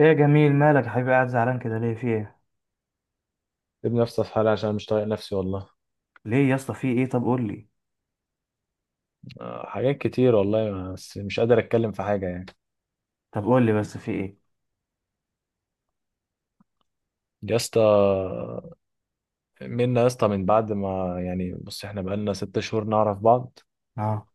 ايه يا جميل؟ مالك يا حبيبي قاعد زعلان كده ليه؟ في ايه؟ سيب نفسي في حالي عشان مش طايق نفسي والله. ليه يا اسطى؟ في ايه؟ طب قول لي. آه، حاجات كتير والله بس مش قادر اتكلم في حاجه يعني. طب قول لي بس، في ايه؟ يا اسطى، منا يا اسطى، من بعد ما يعني بص احنا بقالنا 6 شهور نعرف بعض. اه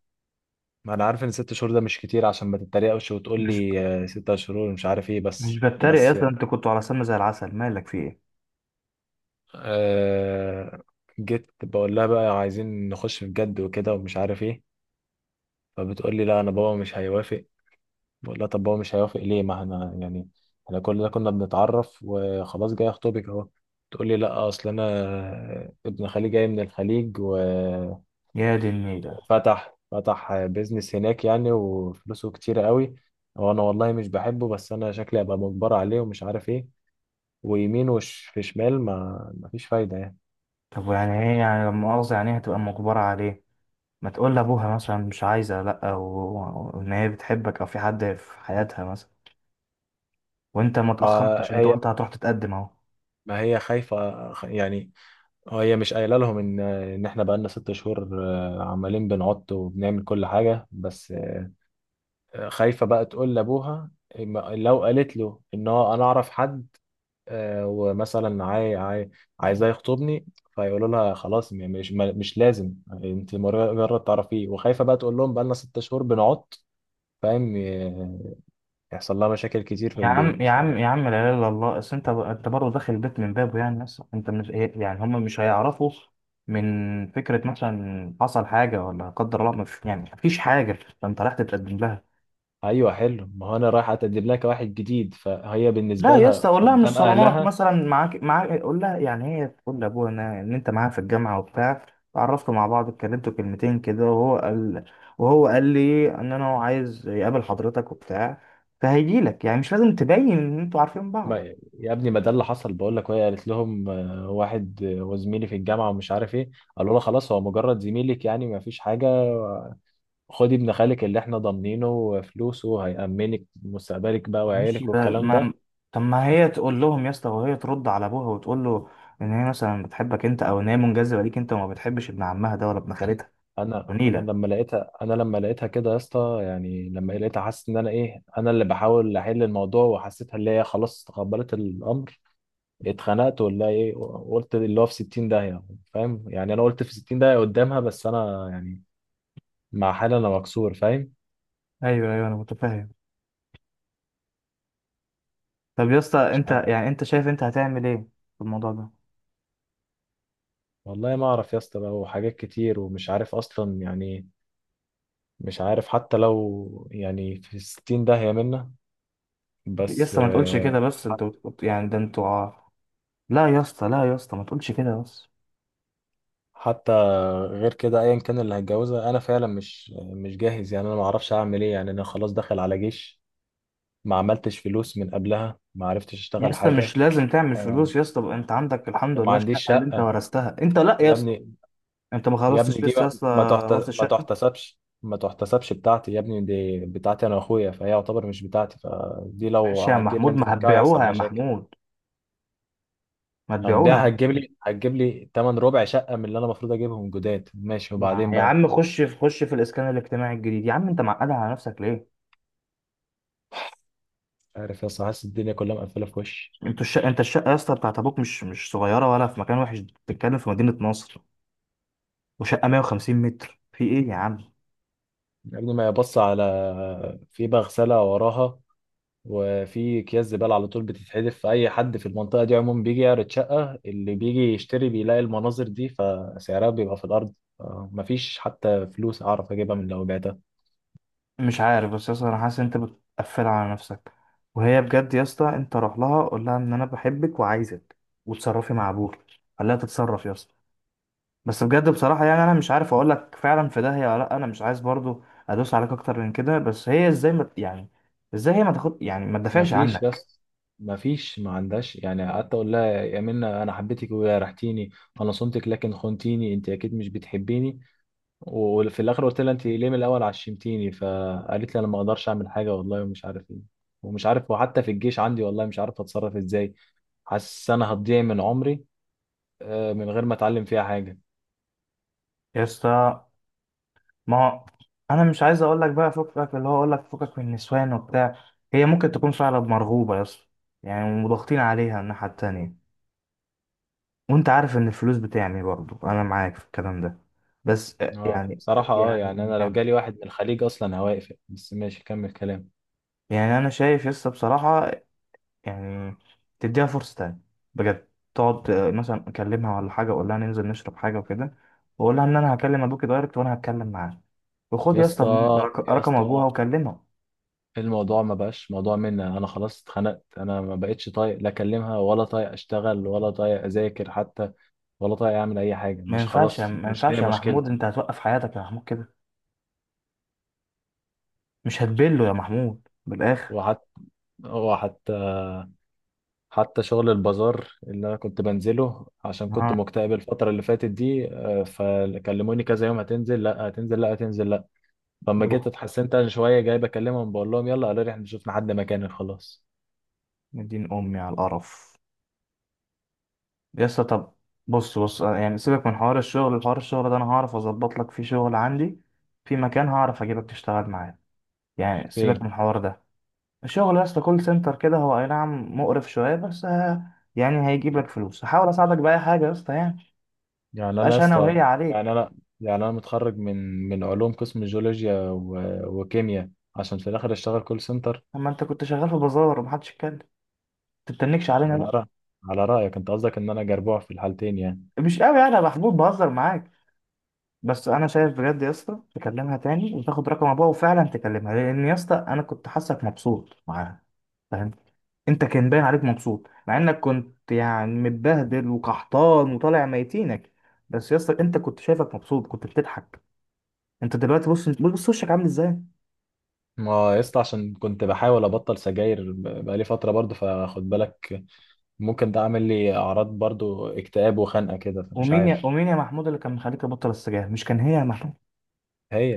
ما انا عارف ان 6 شهور ده مش كتير عشان ما تتريقش وتقول مش لي آه، 6 شهور مش عارف ايه، مش بس بتريق يا بس اسطى، انت كنت على سم زي العسل، مالك؟ في ايه؟ آه جيت بقول لها بقى عايزين نخش في جد وكده ومش عارف ايه. فبتقول لي لا، انا بابا مش هيوافق. بقول لها طب هو مش هيوافق ليه، ما احنا يعني احنا كلنا كنا بنتعرف وخلاص جاي اخطبك اهو. تقول لي لا، اصل انا ابن خالي جاي من الخليج يا دي النيلة. فتح بيزنس هناك يعني وفلوسه كتير قوي. وانا والله مش بحبه بس انا شكلي ابقى مجبر عليه ومش عارف ايه، ويمين وش في شمال، ما فيش فايدة يعني. طب يعني ايه؟ يعني لما مؤاخذة، يعني هتبقى مجبرة عليه؟ ما تقول لابوها مثلا مش عايزة، لا و- وان هي بتحبك او في حد في حياتها مثلا، وانت ما ما اتأخرتش، انت هي قلت هتروح تتقدم اهو. ما هي خايفة، يعني هي مش قايله لهم ان احنا بقالنا 6 شهور، عمالين بنعط وبنعمل كل حاجة بس. خايفة بقى تقول لأبوها، لو قالت له إن هو أنا أعرف حد، ومثلا عايزاه يخطبني، فيقولوا لها خلاص، مش لازم. أنت مجرد تعرفيه، وخايفة بقى تقول لهم بقالنا 6 شهور بنعط، فاهم يحصل لها مشاكل كتير في يا عم البيت يا ف- عم يا عم، لا اله الا الله. اصل انت برضه داخل البيت من بابه، يعني ناس، انت مش يعني هم مش هيعرفوا من فكره مثلا حصل حاجه، ولا قدر الله مش يعني مفيش حاجه، فانت رايح تتقدم لها. أيوه حلو، ما هو أنا رايح أتقدم لك واحد جديد، فهي بالنسبة لا يا اسطى، لها قول لها مش قدام صالونات أهلها. مثلا. معاك قول لها يعني هي تقول لابوها إن انت معاها في الجامعه وبتاع، اتعرفتوا مع بعض، اتكلمتوا كلمتين كده، وهو قال لي ان انا عايز يقابل حضرتك وبتاع، فهيجي لك. يعني مش لازم تبين ان انتوا عارفين بعض. ما يا ابني، ما ده اللي حصل بقول لك، وهي قالت لهم آه، واحد، وزميلي في الجامعه ومش عارف ايه. قالوا لها خلاص هو مجرد زميلك يعني ما فيش حاجه، خدي ابن خالك اللي احنا ضامنينه فلوسه، هيأمنك مستقبلك بقى ماشي وعيالك بقى. والكلام ده. ما طب ما هي تقول لهم يا اسطى، وهي ترد على ابوها وتقول له ان هي مثلا بتحبك انت، او ان هي منجذبه ليك انت، وما بتحبش ابن عمها ده ولا ابن خالتها. انا انا ونيله. لما لقيتها انا لما لقيتها كده يا اسطى، يعني لما لقيتها حاسس ان انا اللي بحاول احل الموضوع، وحسيتها اللي هي خلاص تقبلت الامر. اتخنقت ولا ايه؟ قلت اللي هو في 60 داهيه، فاهم يعني. انا قلت في 60 داهيه قدامها بس انا يعني مع حالي انا مكسور، فاهم. ايوه ايوه، انا متفاهم. طب يا اسطى مش انت عارف يعني انت شايف انت هتعمل ايه في الموضوع ده؟ والله، ما اعرف يا اسطى بقى، وحاجات كتير ومش عارف اصلا يعني، مش عارف حتى لو يعني في الـ60 داهية منا يا بس اسطى ما تقولش كده آه، بس، حت- انت بت- يعني ده انتوا ع-. لا يا اسطى، لا يا اسطى، ما تقولش كده بس. حتى غير كده ايا كان اللي هتجوزها، انا فعلا مش جاهز يعني، انا ما اعرفش اعمل ايه يعني، انا خلاص داخل على جيش، ما عملتش فلوس من قبلها، ما عرفتش يا اشتغل اسطى مش حاجة. لازم تعمل آه، فلوس يا اسطى بقى. انت عندك الحمد وما لله عنديش الشقه اللي انت شقة ورثتها. انت لا يا يا اسطى، ابني. انت ما يا ابني خلصتش دي لسه يا بقى اسطى. ورث ما الشقه. تحتسبش ما تحتسبش بتاعتي، يا ابني دي بتاعتي انا واخويا، فهي يعتبر مش بتاعتي، فدي ماشي يا لو جينا محمود، ما نفكها هيحصل هتبيعوها يا مشاكل. محمود، ما تبيعوها. هنبيعها؟ هتجيب لي تمن ربع شقة من اللي انا المفروض اجيبهم جداد، ماشي، يا وبعدين يا بقى. عم، خش في الاسكان الاجتماعي الجديد يا عم. انت معقدها على نفسك ليه؟ عارف يا اسطى، حاسس الدنيا كلها مقفلة في وشي. انتوا الشقه، انت الشقه يا اسطى بتاعت ابوك مش صغيره، ولا في مكان وحش، بتتكلم في مدينه نصر، وشقه 150 متر في ايه يا عم؟ يا ابني ما يبص على في مغسلة وراها، وفي اكياس زباله على طول بتتحدف، فاي حد في المنطقه دي عموما بيجي يعرض شقه، اللي بيجي يشتري بيلاقي المناظر دي، فسعرها بيبقى في الارض. مفيش حتى فلوس اعرف اجيبها من لو بعتها. مش عارف، بس يا اسطى انا حاسس ان انت بتقفلها على نفسك. وهي بجد يا اسطى، انت روح لها قول لها ان انا بحبك وعايزك، وتصرفي مع ابوك. خليها تتصرف يا اسطى. بس بجد بصراحة يعني أنا مش عارف أقول لك، فعلا في داهية ولا لأ. أنا مش عايز برضو أدوس عليك أكتر من كده، بس هي إزاي ما يعني، إزاي هي ما تاخد يعني ما تدافعش مفيش عنك؟ بس، مفيش ما عندهاش يعني. قعدت اقول لها يا منى، انا حبيتك وجرحتيني، انا صنتك لكن خنتيني، انت اكيد مش بتحبيني. وفي الاخر قلت لها، انت ليه من الاول عشمتيني؟ فقالت لي انا ما اقدرش اعمل حاجه والله ومش عارف ايه، ومش عارف. وحتى في الجيش عندي والله مش عارف اتصرف ازاي، حاسس انا هتضيع من عمري من غير ما اتعلم فيها حاجه. يا اسطى ما هو أنا مش عايز أقول لك بقى فكك، اللي هو أقول لك فكك من النسوان وبتاع. هي ممكن تكون فعلا مرغوبة يا اسطى، يعني وضاغطين عليها الناحية التانية، وأنت عارف إن الفلوس بتعني، برضو أنا معاك في الكلام ده، بس اه، يعني. بصراحه يعني يعني انا لو يعني جالي واحد من الخليج اصلا هواقف، بس ماشي كمل كلام. يعني أنا شايف يا اسطى بصراحة، يعني تديها فرصة تانية بجد. تقعد مثلا أكلمها ولا حاجة، وأقول لها ننزل نشرب حاجة وكده، وأقول لها إن أنا هكلم أبوكي دايركت وأنا هتكلم معاه. وخد يا يا اسطى اسطى، يا رقم أبوها اسطى، وكلمه. الموضوع ما بقاش موضوع، مني انا خلاص اتخنقت، انا ما بقتش طايق لا اكلمها ولا طايق اشتغل ولا طايق اذاكر حتى، ولا طايق اعمل اي حاجه، مش خلاص ما مش ينفعش هي يا محمود، مشكلتي. أنت هتوقف حياتك يا محمود كده. مش هتبله يا محمود بالآخر؟ وحتى وحتى حتى شغل البازار اللي انا كنت بنزله عشان كنت ها. مكتئب الفتره اللي فاتت دي، فكلموني كذا يوم، هتنزل لا، هتنزل لا، هتنزل لا. فلما جيت يروح اتحسنت انا شويه جاي بكلمهم بقول لهم يلا، قالوا لي احنا شفنا حد مكاني خلاص. مدين أمي على القرف. يا اسطى طب، بص بص، يعني سيبك من حوار الشغل. حوار الشغل ده أنا هعرف أظبط لك فيه شغل عندي، في مكان هعرف أجيبك تشتغل معايا. يعني سيبك فين؟ من الحوار ده. الشغل يا اسطى كول سنتر كده، هو اي نعم مقرف شويه، بس يعني هيجيب لك فلوس. هحاول اساعدك باي حاجه يا اسطى يعني. يعني انا يا مبقاش انا وهي اسطى يعني عليك. انا يعني انا متخرج من علوم قسم جيولوجيا وكيمياء، عشان في الاخر اشتغل كول سنتر. اما انت كنت شغال في بازار ومحدش اتكلم، تتنكش علينا على بقى؟ رأي على رايك انت، قصدك ان انا جربوع في الحالتين يعني؟ مش قوي، يعني انا محبوب بهزر معاك. بس انا شايف بجد يا اسطى، تكلمها تاني وتاخد رقم ابوها وفعلا تكلمها، لان يا اسطى انا كنت حاسك مبسوط معاها، فاهم؟ انت كان باين عليك مبسوط، مع انك كنت يعني متبهدل وقحطان وطالع ميتينك، بس يا اسطى انت كنت شايفك مبسوط، كنت بتضحك. انت دلوقتي بص، انت بص وشك عامل ازاي. ما يا اسطى عشان كنت بحاول ابطل سجاير، بقالي فتره برضو فخد بالك، ممكن ده عامل لي اعراض برضو اكتئاب وخنقه كده، فمش عارف. ومين يا محمود اللي كان مخليك تبطل السجاير؟ مش كان هي يا محمود؟ هي،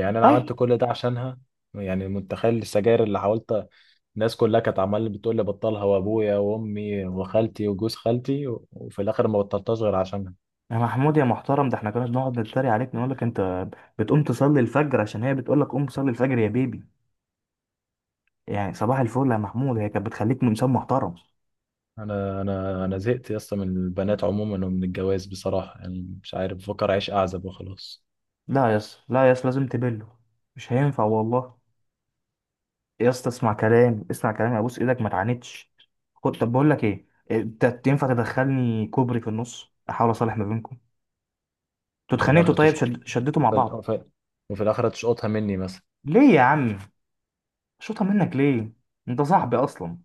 يعني انا عملت طيب كل ده عشانها. يعني متخيل السجاير اللي حاولت، الناس كلها كانت عمال بتقول لي بطلها، وابويا وامي وخالتي وجوز خالتي، وفي الاخر ما بطلتهاش غير عشانها. يا محمود يا محترم، ده احنا كنا بنقعد نتريق عليك، نقول لك انت بتقوم تصلي الفجر عشان هي بتقول لك قوم صلي الفجر يا بيبي. يعني صباح الفل يا محمود، هي كانت بتخليك من انسان محترم. انا زهقت يا اسطى من البنات عموما ومن الجواز بصراحه يعني، مش عارف، بفكر اعيش اعزب وخلاص. لا يس، لا يس، لازم تبله. مش هينفع والله. يا اسطى اسمع كلام، اسمع كلامي، ابوس ايدك ما تعاندش. خد، طب بقول لك ايه، انت تنفع تدخلني كوبري في النص، احاول اصالح ما بينكم. انتوا وفي اتخانقتوا؟ الاخر طيب تشقط شد... شدتوا مع وفي, الآ- بعض؟ وفي وفي الاخر تشقطها مني مثلا، ليه يا عم؟ شوطها منك ليه؟ انت صاحبي اصلا.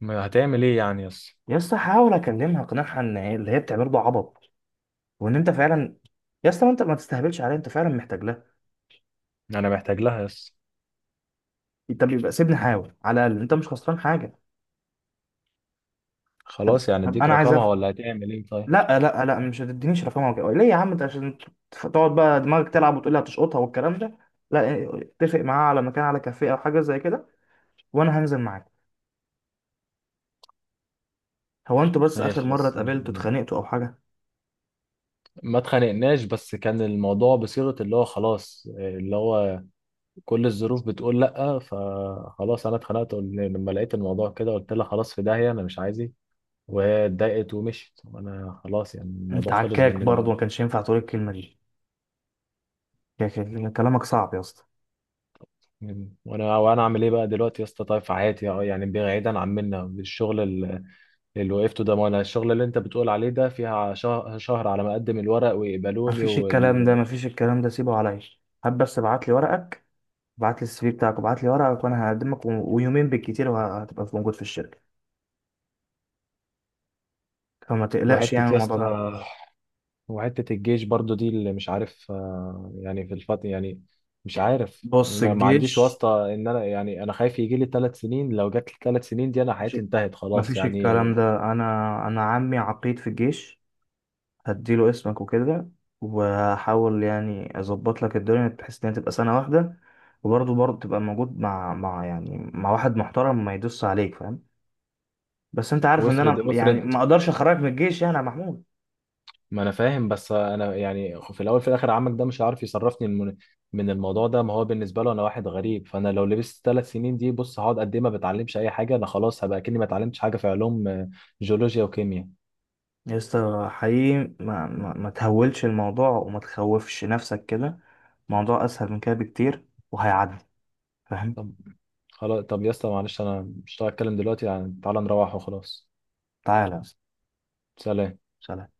ما هتعمل ايه يعني يس؟ يا اسطى حاول اكلمها اقنعها ان اللي هي بتعمله ده عبط، وان انت فعلا. يا اسطى ما انت ما تستهبلش عليها، انت فعلا محتاج لها. انا محتاج لها يس. انت بيبقى سيبني احاول، على الاقل انت مش خسران حاجه. خلاص يعني طب اديك انا عايز رقمها افهم. ولا هتعمل ايه طيب؟ لا لا لا، مش هتدينيش رقمها وكده. ليه يا عم انت؟ عشان تقعد بقى دماغك تلعب وتقول لي هتشقطها والكلام ده؟ لا اتفق معاها على مكان، على كافيه او حاجه زي كده، وانا هنزل معاك. هو انتوا بس اخر ماشي مره يس. اتقابلتوا اتخانقتوا او حاجه؟ ما اتخانقناش بس كان الموضوع بصيغة اللي هو خلاص، اللي هو كل الظروف بتقول لأ، فخلاص أنا اتخنقت، لما لقيت الموضوع كده قلت لها خلاص في داهية أنا مش عايزك، وهي اتضايقت ومشيت، وأنا خلاص يعني انت الموضوع خلص عكاك بالنسبة برضه، لي. ما كانش ينفع تقول الكلمه دي. كلامك صعب يا اسطى. مم. وأنا أعمل إيه بقى دلوقتي يا اسطى، طيب في حياتي يعني بعيدا عن منا الشغل، اللي وقفته ده، ما أنا الشغل اللي أنت بتقول عليه ده فيها شهر, شهر على ما أقدم الورق ويقبلوني مفيش الكلام ده، وال... مفيش الكلام ده، سيبه عليا. هات بس ابعت لي ورقك، ابعت لي السي في بتاعك وابعت لي ورقك، وانا هقدمك ويومين بالكتير وهتبقى موجود في الشركه، فما تقلقش يعني وحتة من يا الموضوع اسطى، ده. وحتة الجيش برضو دي اللي مش عارف يعني في الفترة يعني مش عارف، بص ما عنديش الجيش، واسطة ان انا يعني، انا خايف يجي لي 3 سنين، لو جات لي 3 سنين دي انا مفيش حياتي انتهت خلاص مفيش يعني. الكلام ده. انا انا عمي عقيد في الجيش، هديله اسمك وكده، وهحاول يعني اظبط لك الدنيا بحيث انها تبقى سنه واحده، وبرضه تبقى موجود مع مع واحد محترم ما يدوس عليك، فاهم؟ بس انت عارف ان وافرض انا يعني افرض ما اقدرش اخرجك من الجيش يعني يا محمود. ما انا فاهم، بس انا يعني في الاول في الاخر عمك ده مش عارف يصرفني من الموضوع ده، ما هو بالنسبة له انا واحد غريب، فانا لو لبست 3 سنين دي بص هقعد قد ايه؟ ما بتعلمش اي حاجة، انا خلاص هبقى كأني ما اتعلمتش حاجة في علوم جيولوجيا وكيمياء. يا اسطى حقيقي، ما تهولش الموضوع وما تخوفش نفسك كده، الموضوع اسهل من كده بكتير وهيعدي، فاهم؟ طب خلاص، طب يا اسطى معلش، انا مش هتكلم دلوقتي يعني، تعالى نروح وخلاص. تعالى يا اسطى. سلام. سلام.